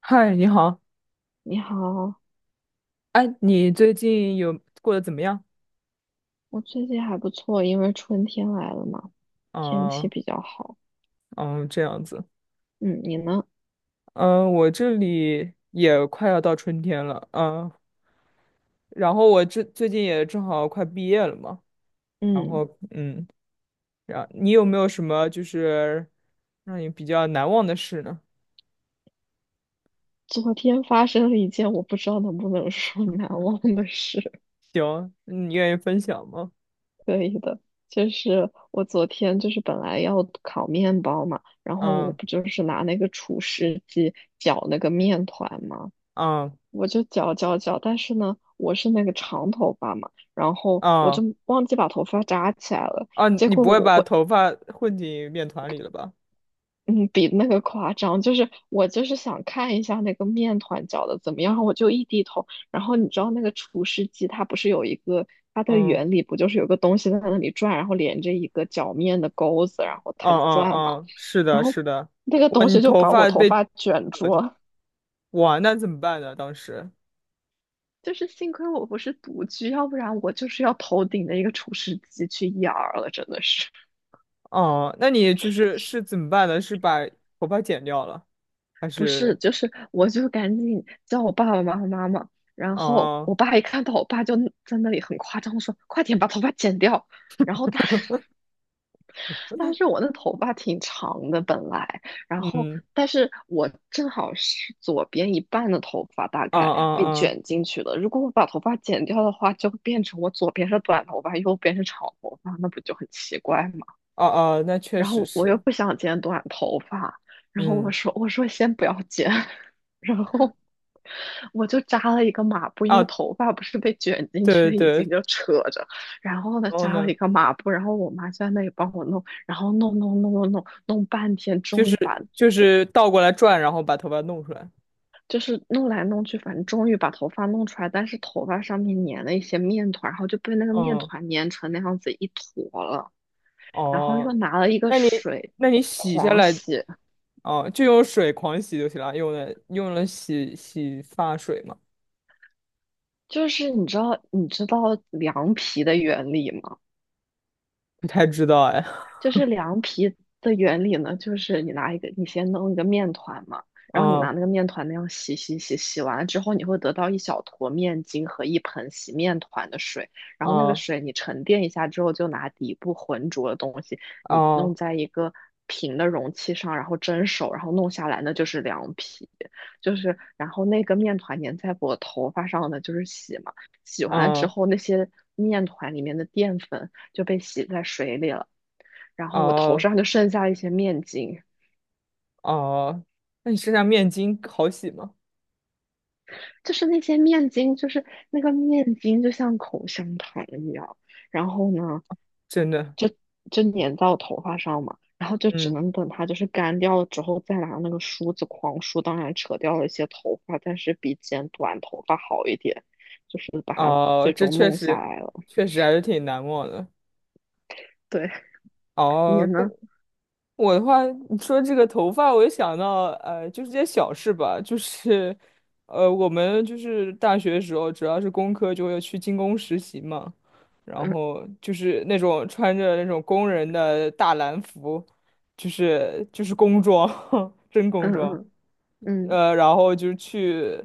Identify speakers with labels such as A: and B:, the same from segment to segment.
A: 嗨，你好，
B: 你好，
A: 哎，你最近有过得怎么样？
B: 我最近还不错，因为春天来了嘛，天气
A: 嗯
B: 比较好。
A: 嗯，这样子，
B: 嗯，你呢？
A: 嗯，我这里也快要到春天了，然后我这最近也正好快毕业了嘛，然
B: 嗯，
A: 后然你有没有什么就是让你比较难忘的事呢？
B: 昨天发生了一件我不知道能不能说 难忘的事，
A: 行，你愿意分享吗？
B: 可以的。就是我昨天就是本来要烤面包嘛，然后我
A: 嗯
B: 不就是拿那个厨师机搅那个面团嘛，
A: 嗯
B: 我就搅搅搅，但是呢，我是那个长头发嘛，然后我
A: 嗯。
B: 就忘记把头发扎起来了，
A: 啊，
B: 结
A: 你
B: 果
A: 不会
B: 我
A: 把
B: 我
A: 头发混进面团里了吧？
B: 嗯，比那个夸张，就是我就是想看一下那个面团搅的怎么样，我就一低头，然后你知道那个厨师机它不是有一个它的
A: 嗯
B: 原理不就是有个东西在那里转，然后连着一个搅面的钩子，然后它就
A: 嗯嗯
B: 转嘛，
A: 嗯，是的，
B: 然后
A: 是的。
B: 那个
A: 哇，
B: 东
A: 你
B: 西就
A: 头
B: 把我
A: 发
B: 头
A: 被
B: 发卷
A: 呃
B: 住了。
A: 哇，那怎么办呢？当时，
B: 就是幸亏我不是独居，要不然我就是要头顶的一个厨师机去养儿了，真的是。
A: 哦，那你就是怎么办呢？是把头发剪掉了，还
B: 不是，
A: 是？
B: 就是我就赶紧叫我爸爸妈妈，然后
A: 哦，
B: 我爸一看到我爸就在那里很夸张的说：“快点把头发剪掉。”然后但是我那头发挺长的本来，然后
A: 嗯，
B: 但是我正好是左边一半的头发大
A: 啊
B: 概被
A: 啊啊，
B: 卷进去了，如果我把头发剪掉的话，就会变成我左边是短头发，右边是长头发，那不就很奇怪吗？
A: 哦哦，那确
B: 然
A: 实
B: 后我又
A: 是，
B: 不想剪短头发，然后我
A: 嗯，
B: 说我说先不要剪，然后我就扎了一个马步，因为
A: 啊，
B: 头发不是被卷进
A: 对对
B: 去，已经
A: 对，
B: 就扯着，然后呢
A: 然后
B: 扎了
A: 呢，
B: 一个马步，然后我妈就在那里帮我弄，然后弄弄弄弄弄弄半天，
A: 就
B: 终
A: 是
B: 于把
A: 就是倒过来转，然后把头发弄出来。
B: 就是弄来弄去，反正终于把头发弄出来，但是头发上面粘了一些面团，然后就被那个面
A: 嗯，
B: 团粘成那样子一坨了，然后又
A: 哦，
B: 拿了一个
A: 那你
B: 水
A: 那你洗下
B: 狂
A: 来，
B: 洗。
A: 哦，就用水狂洗就行了，用了洗洗发水吗？
B: 就是你知道凉皮的原理吗？
A: 不太知道哎。
B: 就是凉皮的原理呢，就是你拿一个，你先弄一个面团嘛，然后你拿
A: 哦
B: 那个面团那样洗洗洗，洗完了之后，你会得到一小坨面筋和一盆洗面团的水，然后那个
A: 哦
B: 水你沉淀一下之后，就拿底部浑浊的东西，你
A: 哦
B: 弄在一个平的容器上，然后蒸熟，然后弄下来，那就是凉皮，就是然后那个面团粘在我头发上的就是洗嘛，洗完了之
A: 哦。嗯。
B: 后那些面团里面的淀粉就被洗在水里了。然后我头
A: 哦
B: 上就剩下一些面筋，
A: 哦，那你身上面巾好洗吗？
B: 就是那些面筋，就是那个面筋就像口香糖一样，然后呢，
A: 真的，
B: 就就粘到头发上嘛，然后就只
A: 嗯，
B: 能等它就是干掉了之后，再拿那个梳子狂梳，当然扯掉了一些头发，但是比剪短头发好一点，就是把它
A: 哦，
B: 最
A: 这
B: 终
A: 确
B: 弄下
A: 实，
B: 来了。
A: 确实还是挺难忘的。
B: 对，你
A: 哦，
B: 呢？
A: 不，我的话，你说这个头发，我就想到，就是这些小事吧，就是，我们就是大学的时候，主要是工科，就会去精工实习嘛，然
B: 嗯
A: 后就是那种穿着那种工人的大蓝服，就是工装，真工
B: 嗯
A: 装。
B: 嗯嗯
A: 然后就是去，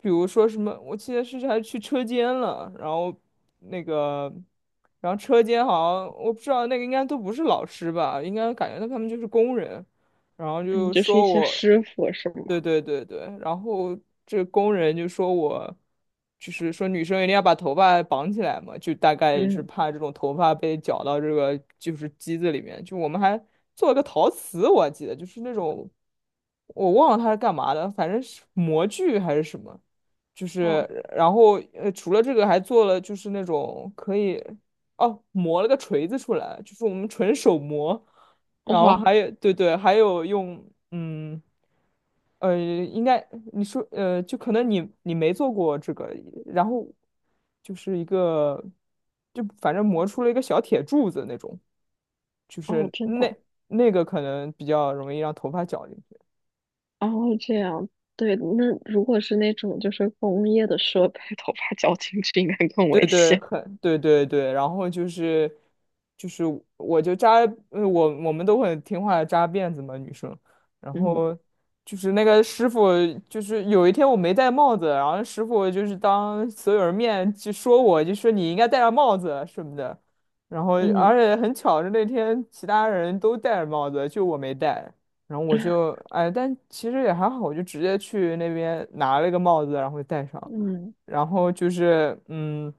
A: 比如说什么，我记得是还去车间了，然后那个，然后车间好像我不知道那个应该都不是老师吧，应该感觉到他们就是工人，然后
B: 嗯，
A: 就
B: 就是一
A: 说
B: 些
A: 我，
B: 师傅是吗？
A: 对对对对，然后这工人就说我，就是说女生一定要把头发绑起来嘛，就大概是
B: 嗯，
A: 怕这种头发被绞到这个就是机子里面，就我们还做了个陶瓷，我还记得就是那种。我忘了它是干嘛的，反正是模具还是什么，就是
B: 哇
A: 然后除了这个还做了就是那种可以哦磨了个锤子出来，就是我们纯手磨，然后
B: 哇
A: 还有对对，还有用嗯应该你说就可能你没做过这个，然后就是一个就反正磨出了一个小铁柱子那种，就
B: 哦，
A: 是
B: 真的。
A: 那个可能比较容易让头发绞。
B: 哦，这样，对，那如果是那种就是工业的设备，头发绞进去应该更
A: 对
B: 危
A: 对，
B: 险。
A: 很对对对，然后就是我就扎，我们都很听话的扎辫子嘛，女生，然
B: 嗯
A: 后就是那个师傅，就是有一天我没戴帽子，然后师傅就是当所有人面就说我，就说你应该戴上帽子什么的，然后
B: 嗯
A: 而且很巧是那天其他人都戴着帽子，就我没戴，然后我就哎，但其实也还好，我就直接去那边拿了个帽子，然后戴上。
B: 嗯，
A: 然后就是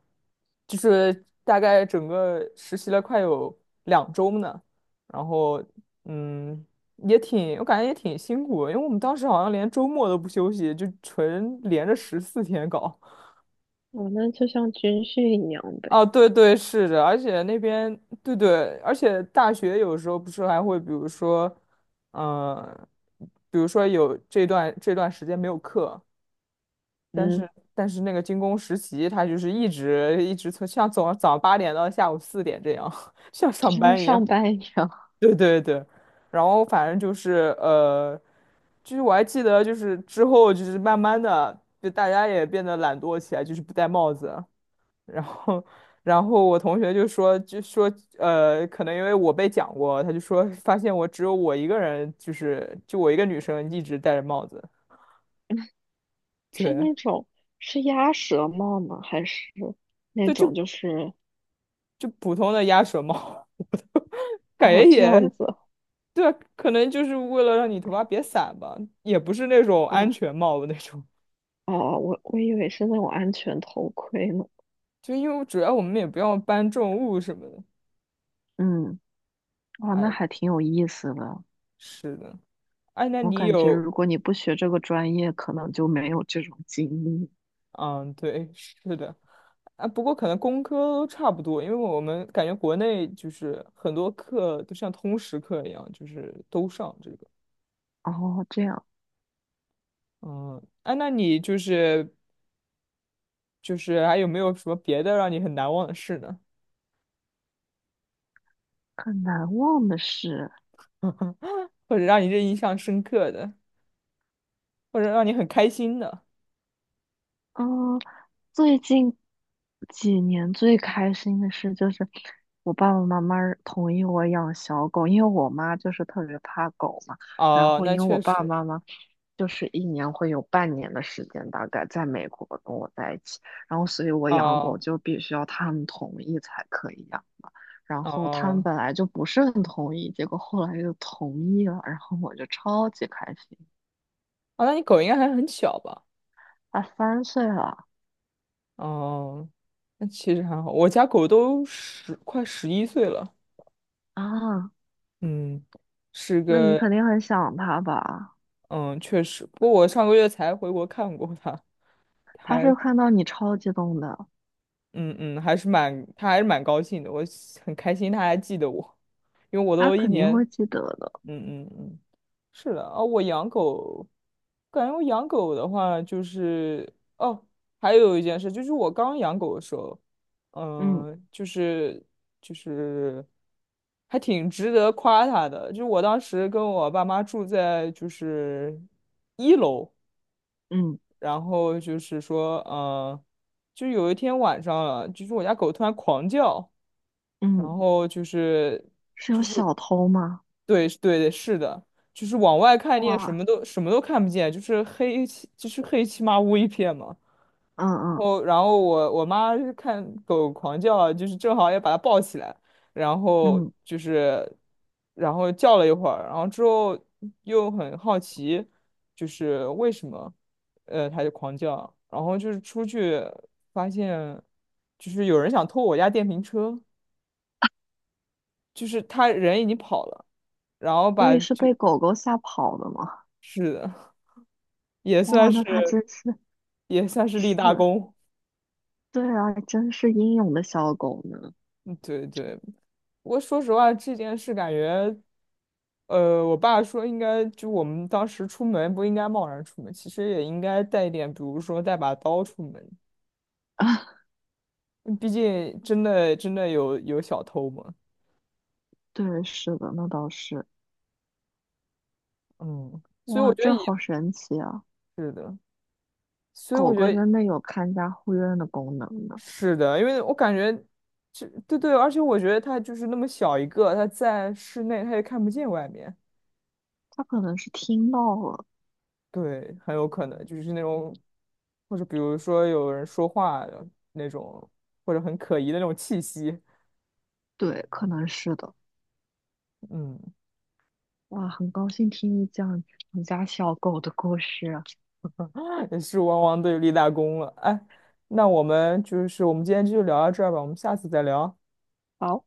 A: 就是大概整个实习了快有2周呢，然后嗯，也挺，我感觉也挺辛苦的因为我们当时好像连周末都不休息，就纯连着14天搞。
B: 哦，那就像军训一样呗。
A: 啊，对对，是的，而且那边，对对，而且大学有时候不是还会，比如说，嗯、比如说有这段时间没有课，但
B: 嗯，
A: 是那个军工实习，他就是一直一直从像从早上8点到下午4点这样，像
B: 就
A: 上
B: 像
A: 班一样。
B: 上班一样。
A: 对对对，然后反正就是就是我还记得，就是之后就是慢慢的，就大家也变得懒惰起来，就是不戴帽子。然后我同学就说可能因为我被讲过，他就说发现我只有我一个人，就是就我一个女生一直戴着帽子，
B: 是
A: 对
B: 那种是鸭舌帽吗？还是那
A: 对，
B: 种
A: 就
B: 就是
A: 就普通的鸭舌帽。感觉
B: 哦这样
A: 也
B: 子？
A: 对啊可能就是为了让你头发别散吧，也不是那种安
B: 哦
A: 全帽的那种，
B: 哦，我以为是那种安全头盔呢。
A: 就因为主要我们也不要搬重物什么的。
B: 嗯，哇，那
A: 哎，
B: 还挺有意思的。
A: 是的，哎，那
B: 我
A: 你
B: 感觉
A: 有，
B: 如果你不学这个专业，可能就没有这种经历。
A: 嗯，对，是的，啊，不过可能工科都差不多，因为我们感觉国内就是很多课都像通识课一样，就是都上这个。
B: 哦，这样
A: 嗯，哎，那你就是还有没有什么别的让你很难忘的事呢？
B: 很难忘的事，
A: 或者让你这印象深刻的？或者让你很开心的。
B: 嗯，最近几年最开心的事就是我爸爸妈妈同意我养小狗，因为我妈就是特别怕狗嘛，然
A: 哦，
B: 后
A: 那
B: 因为我
A: 确
B: 爸爸
A: 实。
B: 妈妈就是一年会有半年的时间大概在美国跟我在一起，然后所以我养狗
A: 哦
B: 就必须要他们同意才可以养嘛，然后他们
A: 哦。
B: 本来就不是很同意，结果后来又同意了，然后我就超级开心。
A: 啊，那你狗应该还很小吧？
B: 啊，3岁了
A: 哦，那其实还好。我家狗都十快11岁了。
B: 啊，
A: 嗯，是
B: 那你
A: 个
B: 肯定很想他吧？
A: 嗯，确实。不过我上个月才回国看过它，
B: 他
A: 还。
B: 是看到你超激动的，
A: 嗯嗯，还是蛮，他还是蛮高兴的，我很开心他还记得我，因为我
B: 他
A: 都一
B: 肯定
A: 年，
B: 会记得的。
A: 嗯嗯嗯，是的，啊，我养狗，感觉我养狗的话就是，哦，还有一件事就是我刚养狗的时候，
B: 嗯
A: 嗯，就是就是还挺值得夸它的，就是我当时跟我爸妈住在就是1楼。
B: 嗯
A: 然后就是说，就有一天晚上了，就是我家狗突然狂叫，
B: 嗯，
A: 然后就是
B: 是有
A: 就是
B: 小偷吗？
A: 对对对，是的，就是往外看你也什
B: 哇，
A: 么都什么都看不见，就是黑漆麻乌一片嘛。
B: 嗯
A: 然
B: 嗯
A: 后，然后我妈是看狗狂叫啊就是正好也把它抱起来，然后
B: 嗯，
A: 就是，然后叫了一会儿，然后之后又很好奇，就是为什么，它就狂叫啊，然后就是出去发现，就是有人想偷我家电瓶车，就是他人已经跑了，然后
B: 所
A: 把
B: 以是
A: 就
B: 被狗狗吓跑的吗？
A: 是的，也
B: 哇，
A: 算是
B: 那他真是
A: 也算是立
B: 是，
A: 大功，
B: 对啊，真是英勇的小狗呢。
A: 嗯对对，不过说实话，这件事感觉，我爸说应该就我们当时出门不应该贸然出门，其实也应该带一点，比如说带把刀出门，嗯毕竟真的真的有小偷嘛。
B: 对，是的，那倒是。
A: 嗯，所以我
B: 哇，
A: 觉得
B: 这
A: 也
B: 好神奇啊！
A: 是的，所以我
B: 狗
A: 觉
B: 狗
A: 得
B: 真的有看家护院的功能呢，
A: 是的，因为我感觉这对对，而且我觉得他就是那么小一个，他在室内他也看不见外面。
B: 它可能是听到了，
A: 对，很有可能就是那种，或者比如说有人说话的那种，或者很可疑的那种气息，
B: 对，可能是的。
A: 嗯，
B: 哇，很高兴听你讲你家小狗的故事。
A: 也是汪汪队立大功了。哎，那我们今天就聊到这儿吧，我们下次再聊。
B: 好，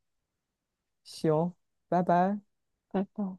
A: 行，拜拜。
B: 拜拜。